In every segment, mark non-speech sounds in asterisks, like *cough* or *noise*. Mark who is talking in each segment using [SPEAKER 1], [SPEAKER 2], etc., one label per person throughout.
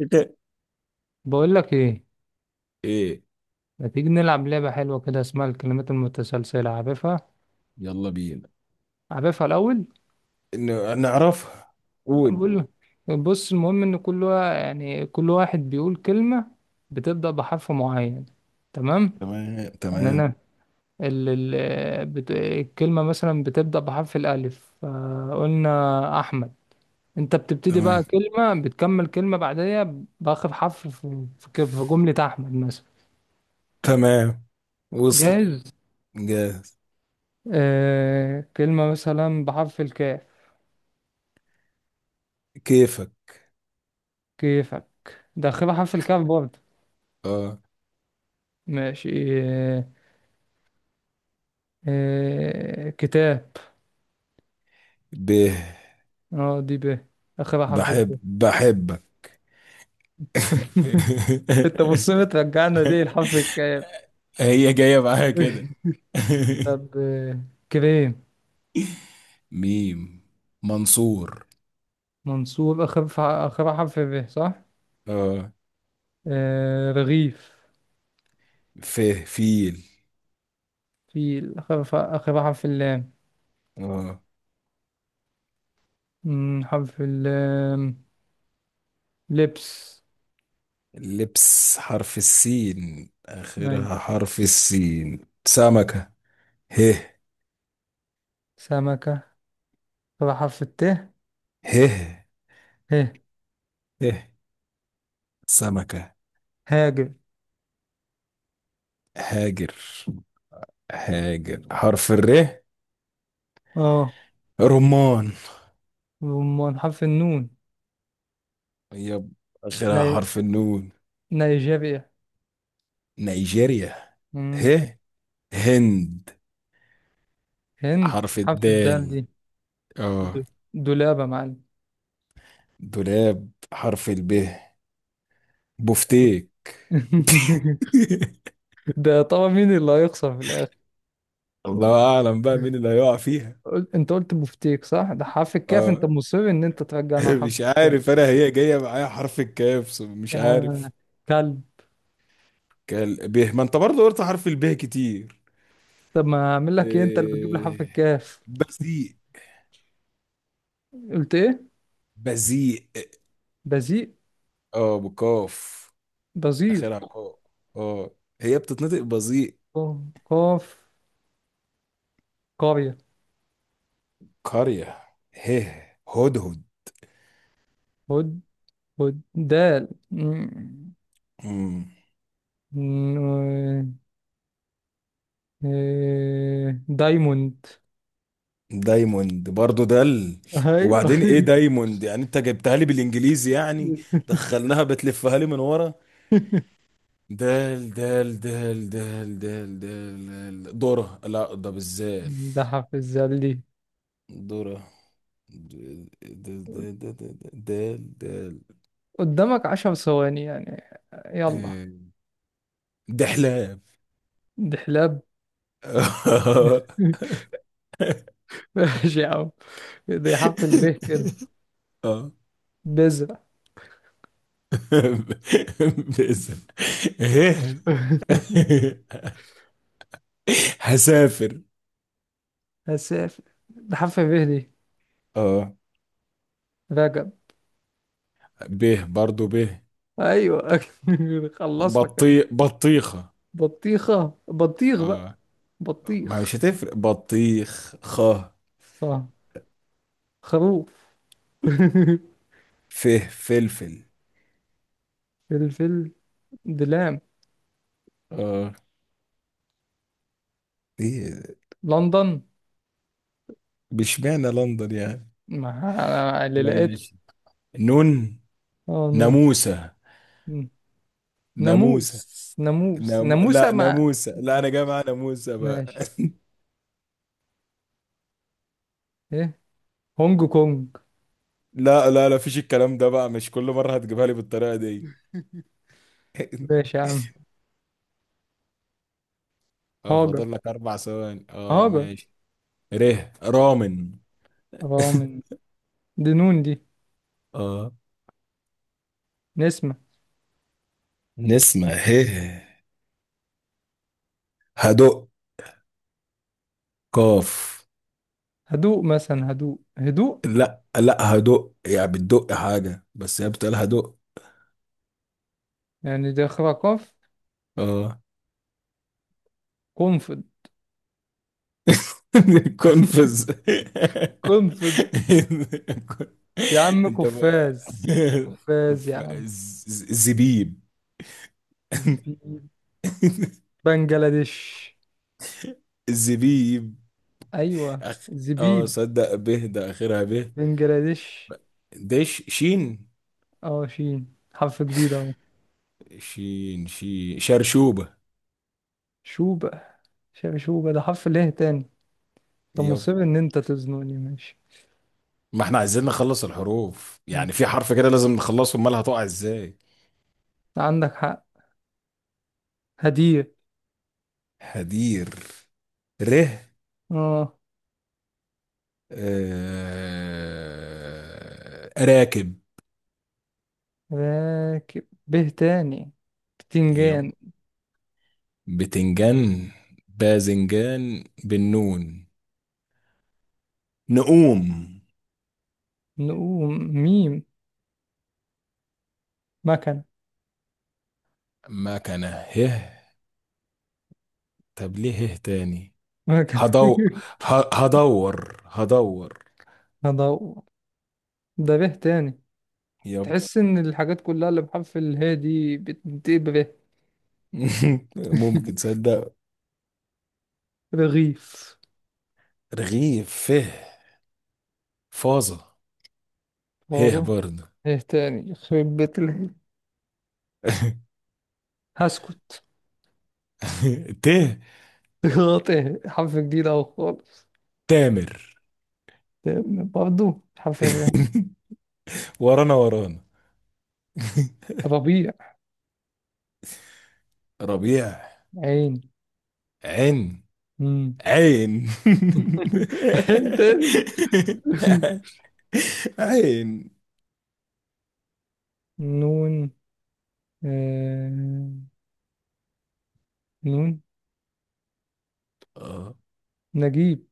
[SPEAKER 1] شتاء.
[SPEAKER 2] بقول لك ايه.
[SPEAKER 1] ايه,
[SPEAKER 2] ما تيجي نلعب لعبة حلوة كده اسمها الكلمات المتسلسلة، عارفها؟
[SPEAKER 1] يلا بينا.
[SPEAKER 2] عارفها الأول؟
[SPEAKER 1] إنه نعرفها. قول.
[SPEAKER 2] بقول لك. بص، المهم ان كل كل واحد بيقول كلمة بتبدأ بحرف معين، تمام؟
[SPEAKER 1] تمام
[SPEAKER 2] يعني
[SPEAKER 1] تمام,
[SPEAKER 2] انا ال الكلمة مثلا بتبدأ بحرف الألف، فقلنا أحمد. انت بتبتدي بقى
[SPEAKER 1] تمام
[SPEAKER 2] كلمة، بتكمل كلمة بعديها بآخر حرف في جملة أحمد مثلا.
[SPEAKER 1] تمام. وصل.
[SPEAKER 2] جاهز؟
[SPEAKER 1] جاهز.
[SPEAKER 2] آه، كلمة مثلا بحرف الكاف.
[SPEAKER 1] كيفك.
[SPEAKER 2] كيفك؟ دخلها حرف الكاف برضه.
[SPEAKER 1] اه.
[SPEAKER 2] ماشي، إيه. إيه. كتاب.
[SPEAKER 1] به.
[SPEAKER 2] اه، دي ب، اخرها حرف ال ب.
[SPEAKER 1] بحب بحبك.
[SPEAKER 2] انت مصر
[SPEAKER 1] *laughs*
[SPEAKER 2] ترجعنا ليه الحرف الكاف؟
[SPEAKER 1] هي جاية معاها كده.
[SPEAKER 2] *laughs*
[SPEAKER 1] *laughs*
[SPEAKER 2] طب آه، كريم.
[SPEAKER 1] ميم, منصور.
[SPEAKER 2] منصور، آخر آخر حرف ب، صح؟
[SPEAKER 1] اه.
[SPEAKER 2] آه، رغيف.
[SPEAKER 1] فيه فيل.
[SPEAKER 2] فيل، آخر آخر حرف اللام.
[SPEAKER 1] اه.
[SPEAKER 2] حرف اللام، لبس.
[SPEAKER 1] لبس حرف السين,
[SPEAKER 2] مي.
[SPEAKER 1] آخرها حرف السين. سمكة. ه.
[SPEAKER 2] سمكة، آخر حرف الت.
[SPEAKER 1] ه.
[SPEAKER 2] ه.
[SPEAKER 1] ه. سمكة.
[SPEAKER 2] هاجر.
[SPEAKER 1] هاجر. هاجر حرف الر.
[SPEAKER 2] اه،
[SPEAKER 1] رمان.
[SPEAKER 2] وأمال حرف النون.
[SPEAKER 1] يب, آخرها
[SPEAKER 2] ني...
[SPEAKER 1] حرف النون.
[SPEAKER 2] نيجيريا.
[SPEAKER 1] نيجيريا.
[SPEAKER 2] مم.
[SPEAKER 1] ه. هند
[SPEAKER 2] هند،
[SPEAKER 1] حرف
[SPEAKER 2] حرف الدال
[SPEAKER 1] الدال.
[SPEAKER 2] دي.
[SPEAKER 1] اه.
[SPEAKER 2] د- دولابة يا معلم.
[SPEAKER 1] دولاب حرف الب. بفتيك.
[SPEAKER 2] *laughs*
[SPEAKER 1] *laughs*
[SPEAKER 2] ده طبعا مين اللي هيخسر في الآخر.
[SPEAKER 1] الله أعلم بقى مين اللي هيقع فيها.
[SPEAKER 2] قلت، انت قلت بفتيك صح؟ ده حرف الكاف، انت
[SPEAKER 1] اه.
[SPEAKER 2] مصر ان انت ترجعنا
[SPEAKER 1] *laughs* مش
[SPEAKER 2] لحرف الكاف.
[SPEAKER 1] عارف, انا هي جايه معايا حرف الكاف, مش
[SPEAKER 2] يا
[SPEAKER 1] عارف.
[SPEAKER 2] كلب.
[SPEAKER 1] كال به, ما انت برضه قلت حرف البه كتير.
[SPEAKER 2] طب ما اعمل لك ايه، انت اللي بتجيب لي حرف
[SPEAKER 1] إيه...
[SPEAKER 2] الكاف.
[SPEAKER 1] بذيء.
[SPEAKER 2] قلت ايه؟
[SPEAKER 1] بذيء.
[SPEAKER 2] بزيق.
[SPEAKER 1] اه بكاف. اخرها
[SPEAKER 2] بزيق.
[SPEAKER 1] قاف. اه هي بتتنطق بذيء.
[SPEAKER 2] قاف. قرية.
[SPEAKER 1] قريه. هه. هدهد.
[SPEAKER 2] هد. هد. دال، مم.
[SPEAKER 1] مم.
[SPEAKER 2] ن- إيه، دايموند.
[SPEAKER 1] دايموند برضه دل. وبعدين ايه
[SPEAKER 2] ايوه.
[SPEAKER 1] دايموند يعني, انت جبتها لي بالانجليزي يعني, دخلناها بتلفها لي من ورا.
[SPEAKER 2] *laughs*
[SPEAKER 1] دال دال دال دال دال دال. دال ذرة, لا ده بالذال.
[SPEAKER 2] ده في الزلي.
[SPEAKER 1] ذرة. د- د- د- د- د- دال دال.
[SPEAKER 2] قدامك عشر ثواني يعني، يلا.
[SPEAKER 1] آه، دحلاب.
[SPEAKER 2] دحلاب. *laughs*
[SPEAKER 1] *laughs*
[SPEAKER 2] ماشي يا عم. ده حرف الب كده.
[SPEAKER 1] اه.
[SPEAKER 2] بذرة.
[SPEAKER 1] باسم. هيل.
[SPEAKER 2] *laughs*
[SPEAKER 1] *laughs* هسافر.
[SPEAKER 2] هسافر. ده حرف ب دي.
[SPEAKER 1] اه
[SPEAKER 2] رجب.
[SPEAKER 1] به برضو به.
[SPEAKER 2] ايوه. *laughs* خلص لك أنا.
[SPEAKER 1] بطي بطيخة.
[SPEAKER 2] بطيخة، بطيخ بقى.
[SPEAKER 1] اه. ما
[SPEAKER 2] بطيخ.
[SPEAKER 1] مش هتفرق. بطيخ خ.
[SPEAKER 2] اه، خروف. *laughs*
[SPEAKER 1] فه. فلفل.
[SPEAKER 2] فلفل. دلام.
[SPEAKER 1] اه. ايه,
[SPEAKER 2] لندن.
[SPEAKER 1] بشمعنى لندن يعني.
[SPEAKER 2] ما أنا اللي لقيت.
[SPEAKER 1] ماشي. نون.
[SPEAKER 2] اه، نور.
[SPEAKER 1] ناموسة.
[SPEAKER 2] مم.
[SPEAKER 1] ناموسة.
[SPEAKER 2] ناموس ناموسة
[SPEAKER 1] لا
[SPEAKER 2] مع.
[SPEAKER 1] ناموسة, لا انا جاي
[SPEAKER 2] ناموس.
[SPEAKER 1] مع ناموسة بقى.
[SPEAKER 2] ماشي. ايه. هونج كونج.
[SPEAKER 1] *laughs* لا لا لا, فيش الكلام ده بقى, مش كل مرة هتجيبها لي بالطريقة دي. *laughs*
[SPEAKER 2] ماشي يا عم.
[SPEAKER 1] اه
[SPEAKER 2] هاجر.
[SPEAKER 1] فاضل لك اربع ثواني. اه
[SPEAKER 2] هاجر.
[SPEAKER 1] ماشي. ره, رامن.
[SPEAKER 2] اه، من.
[SPEAKER 1] *laughs*
[SPEAKER 2] دي نون دي.
[SPEAKER 1] اه.
[SPEAKER 2] نسمة.
[SPEAKER 1] نسمة. هه. هدق. قاف.
[SPEAKER 2] هدوء مثلا، هدوء.
[SPEAKER 1] لا لا, هدق يعني بتدق حاجة, بس هي بتقول هدق.
[SPEAKER 2] يعني ده خرا قاف.
[SPEAKER 1] اه.
[SPEAKER 2] قنفذ.
[SPEAKER 1] *laughs* كونفز.
[SPEAKER 2] قنفذ يا عم،
[SPEAKER 1] انت بقى.
[SPEAKER 2] قفاز. قفاز يا عم.
[SPEAKER 1] زبيب. *laughs*
[SPEAKER 2] زبيب. بنجلاديش.
[SPEAKER 1] زبيب.
[SPEAKER 2] ايوه
[SPEAKER 1] أخ... اه
[SPEAKER 2] زبيب.
[SPEAKER 1] صدق به, ده اخرها به.
[SPEAKER 2] بنجلاديش.
[SPEAKER 1] ده شين.
[SPEAKER 2] اه، شين حرف جديد اهو.
[SPEAKER 1] شين شي شرشوبة.
[SPEAKER 2] شوبة. شوبة، ده حرف ليه تاني؟ انت
[SPEAKER 1] يب.
[SPEAKER 2] مصر ان انت تزنقني، ماشي.
[SPEAKER 1] ما احنا عايزين نخلص الحروف
[SPEAKER 2] مم.
[SPEAKER 1] يعني, في حرف كده لازم نخلصه, امال هتقع ازاي.
[SPEAKER 2] عندك حق. هدير.
[SPEAKER 1] هدير. ره.
[SPEAKER 2] اه.
[SPEAKER 1] راكب.
[SPEAKER 2] راكب، به تاني.
[SPEAKER 1] يب.
[SPEAKER 2] بتنجان.
[SPEAKER 1] بتنجان. باذنجان بالنون. نقوم.
[SPEAKER 2] نقوم. ميم. مكنة.
[SPEAKER 1] مكنة. هه. طب ليه هه تاني.
[SPEAKER 2] مكنة
[SPEAKER 1] هدو.
[SPEAKER 2] *laughs*
[SPEAKER 1] هدور هدور.
[SPEAKER 2] هدور. ده به تاني.
[SPEAKER 1] يب.
[SPEAKER 2] تحس ان الحاجات كلها اللي بحرف اله دي بتنتهي به.
[SPEAKER 1] *laughs* ممكن
[SPEAKER 2] *laughs*
[SPEAKER 1] تصدق.
[SPEAKER 2] رغيف.
[SPEAKER 1] رغيف. فه. فاظة. هه
[SPEAKER 2] واظن.
[SPEAKER 1] برضه.
[SPEAKER 2] ايه تاني يخرب بيت هسكت.
[SPEAKER 1] *laughs* ته.
[SPEAKER 2] *laughs* غلطة، حرف جديد اهو خالص.
[SPEAKER 1] تامر.
[SPEAKER 2] برضه حرف
[SPEAKER 1] *laughs* ورانا ورانا.
[SPEAKER 2] ربيع.
[SPEAKER 1] ربيع.
[SPEAKER 2] عين.
[SPEAKER 1] عين.
[SPEAKER 2] مم.
[SPEAKER 1] عين.
[SPEAKER 2] *laughs* عين تاني. *laughs*
[SPEAKER 1] *laughs* عين.
[SPEAKER 2] نون. آه... نون.
[SPEAKER 1] اه.
[SPEAKER 2] نجيب.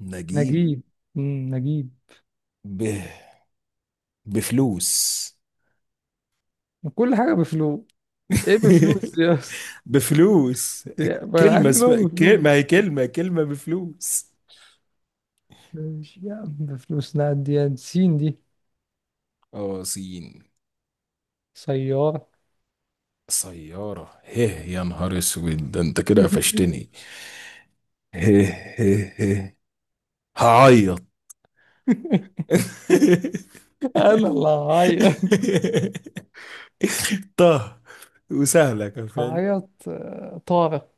[SPEAKER 1] نجيب.
[SPEAKER 2] نجيب. مم. نجيب.
[SPEAKER 1] ب... بفلوس.
[SPEAKER 2] كل حاجة بفلوس. ايه بفلوس
[SPEAKER 1] *laughs*
[SPEAKER 2] دي اصلا؟
[SPEAKER 1] بفلوس,
[SPEAKER 2] ما انا عارف
[SPEAKER 1] كلمة
[SPEAKER 2] إن هو
[SPEAKER 1] اسمها
[SPEAKER 2] بفلوس.
[SPEAKER 1] ما هي كلمة, كلمة بفلوس.
[SPEAKER 2] ماشي يا عم بفلوس، نعدي سين دي.
[SPEAKER 1] اه سين.
[SPEAKER 2] سيارة.
[SPEAKER 1] سيارة. هيه يا نهار اسود, ده انت كده قفشتني.
[SPEAKER 2] *laughs*
[SPEAKER 1] هيه. هيه هيه. هعيط.
[SPEAKER 2] انا اللي هعيط.
[SPEAKER 1] *laughs* طه. وسهلة كان فاهم.
[SPEAKER 2] هعيط آه، طارق.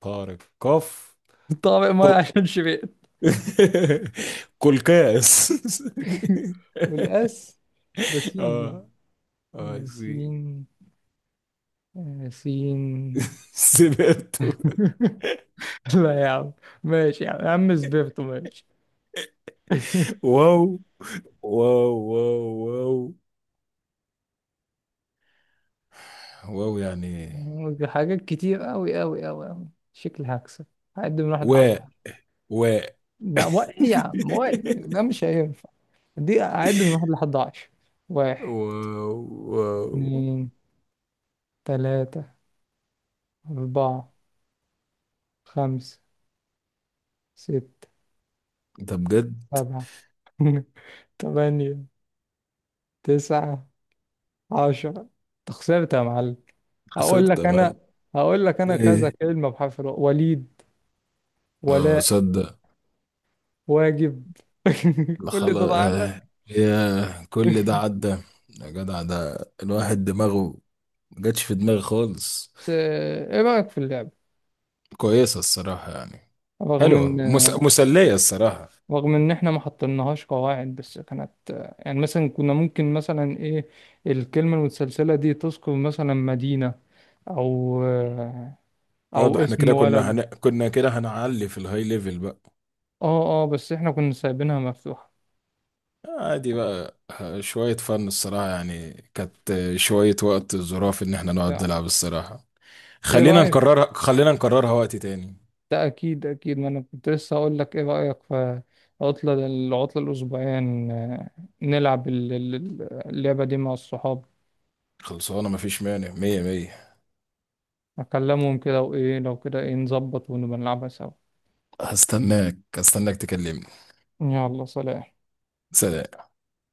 [SPEAKER 1] طارق قف.
[SPEAKER 2] طارق ما
[SPEAKER 1] كل.
[SPEAKER 2] عشان شبعت.
[SPEAKER 1] *laughs* كل كاس.
[SPEAKER 2] *laughs* والاس. ده
[SPEAKER 1] *laughs*
[SPEAKER 2] سين دي.
[SPEAKER 1] اه. Ah,
[SPEAKER 2] آه،
[SPEAKER 1] sí.
[SPEAKER 2] سين. آه، سين.
[SPEAKER 1] *laughs* Cierto.
[SPEAKER 2] *laughs* لا يا عم. ماشي يا عم، يا عم سبيرتو، ماشي. *laughs*
[SPEAKER 1] Wow, wow, wow, wow. Wow, *laughs* يعني.
[SPEAKER 2] حاجات كتير أوي أوي أوي أوي، شكلي هكسب. هعد من واحد لحد
[SPEAKER 1] واء.
[SPEAKER 2] عشرة.
[SPEAKER 1] واء.
[SPEAKER 2] لا واحد يا عم، واحد ده
[SPEAKER 1] *laughs*
[SPEAKER 2] مش هينفع. دي أعد من واحد لحد عشرة. واحد.
[SPEAKER 1] واو. واو.
[SPEAKER 2] اتنين. تلاتة. أربعة. خمسة. ستة.
[SPEAKER 1] ده بجد.
[SPEAKER 2] سبعة. *laughs* تمانية. تسعة. عشرة. أنت خسرت يا معلم.
[SPEAKER 1] خسرت
[SPEAKER 2] هقول لك أنا.
[SPEAKER 1] تمام.
[SPEAKER 2] هقول لك أنا كذا
[SPEAKER 1] ايه.
[SPEAKER 2] كلمة بحرف الواو. وليد.
[SPEAKER 1] اه
[SPEAKER 2] ولاء.
[SPEAKER 1] صدق.
[SPEAKER 2] واجب. *laughs*
[SPEAKER 1] لا
[SPEAKER 2] كل ده
[SPEAKER 1] خلاص
[SPEAKER 2] عنك.
[SPEAKER 1] آه. يا كل ده عدى. يا جدع, ده الواحد دماغه ما جاتش في دماغي خالص.
[SPEAKER 2] بس إيه رأيك في اللعبة؟
[SPEAKER 1] كويسة الصراحة يعني.
[SPEAKER 2] رغم ان.
[SPEAKER 1] حلوة, مسلية الصراحة.
[SPEAKER 2] رغم ان احنا ما حطيناهاش قواعد، بس كانت يعني مثلا، كنا ممكن مثلا ايه الكلمة المتسلسلة دي تذكر مثلا مدينة او
[SPEAKER 1] اه ده احنا
[SPEAKER 2] اسم
[SPEAKER 1] كده
[SPEAKER 2] ولد.
[SPEAKER 1] كنا كده هنعلي في الهاي ليفل بقى.
[SPEAKER 2] اه اه، بس احنا كنا سايبينها مفتوحة.
[SPEAKER 1] عادي بقى, شوية فن الصراحة يعني, كانت شوية وقت ظراف ان احنا نقعد
[SPEAKER 2] ايه
[SPEAKER 1] نلعب الصراحة. خلينا
[SPEAKER 2] رأيك؟
[SPEAKER 1] نكررها, خلينا نكررها وقت تاني.
[SPEAKER 2] ده اكيد، ما انا كنت لسه اقول لك ايه رأيك في عطلة، العطلة الاسبوعية نلعب اللعبة دي مع الصحاب.
[SPEAKER 1] خلصانة, مفيش مانع, مية مية.
[SPEAKER 2] اكلمهم كده، وايه لو كده، ايه نظبط ونبقى نلعبها سوا؟
[SPEAKER 1] هستناك, هستناك تكلمني.
[SPEAKER 2] يلا سلام.
[SPEAKER 1] سلام.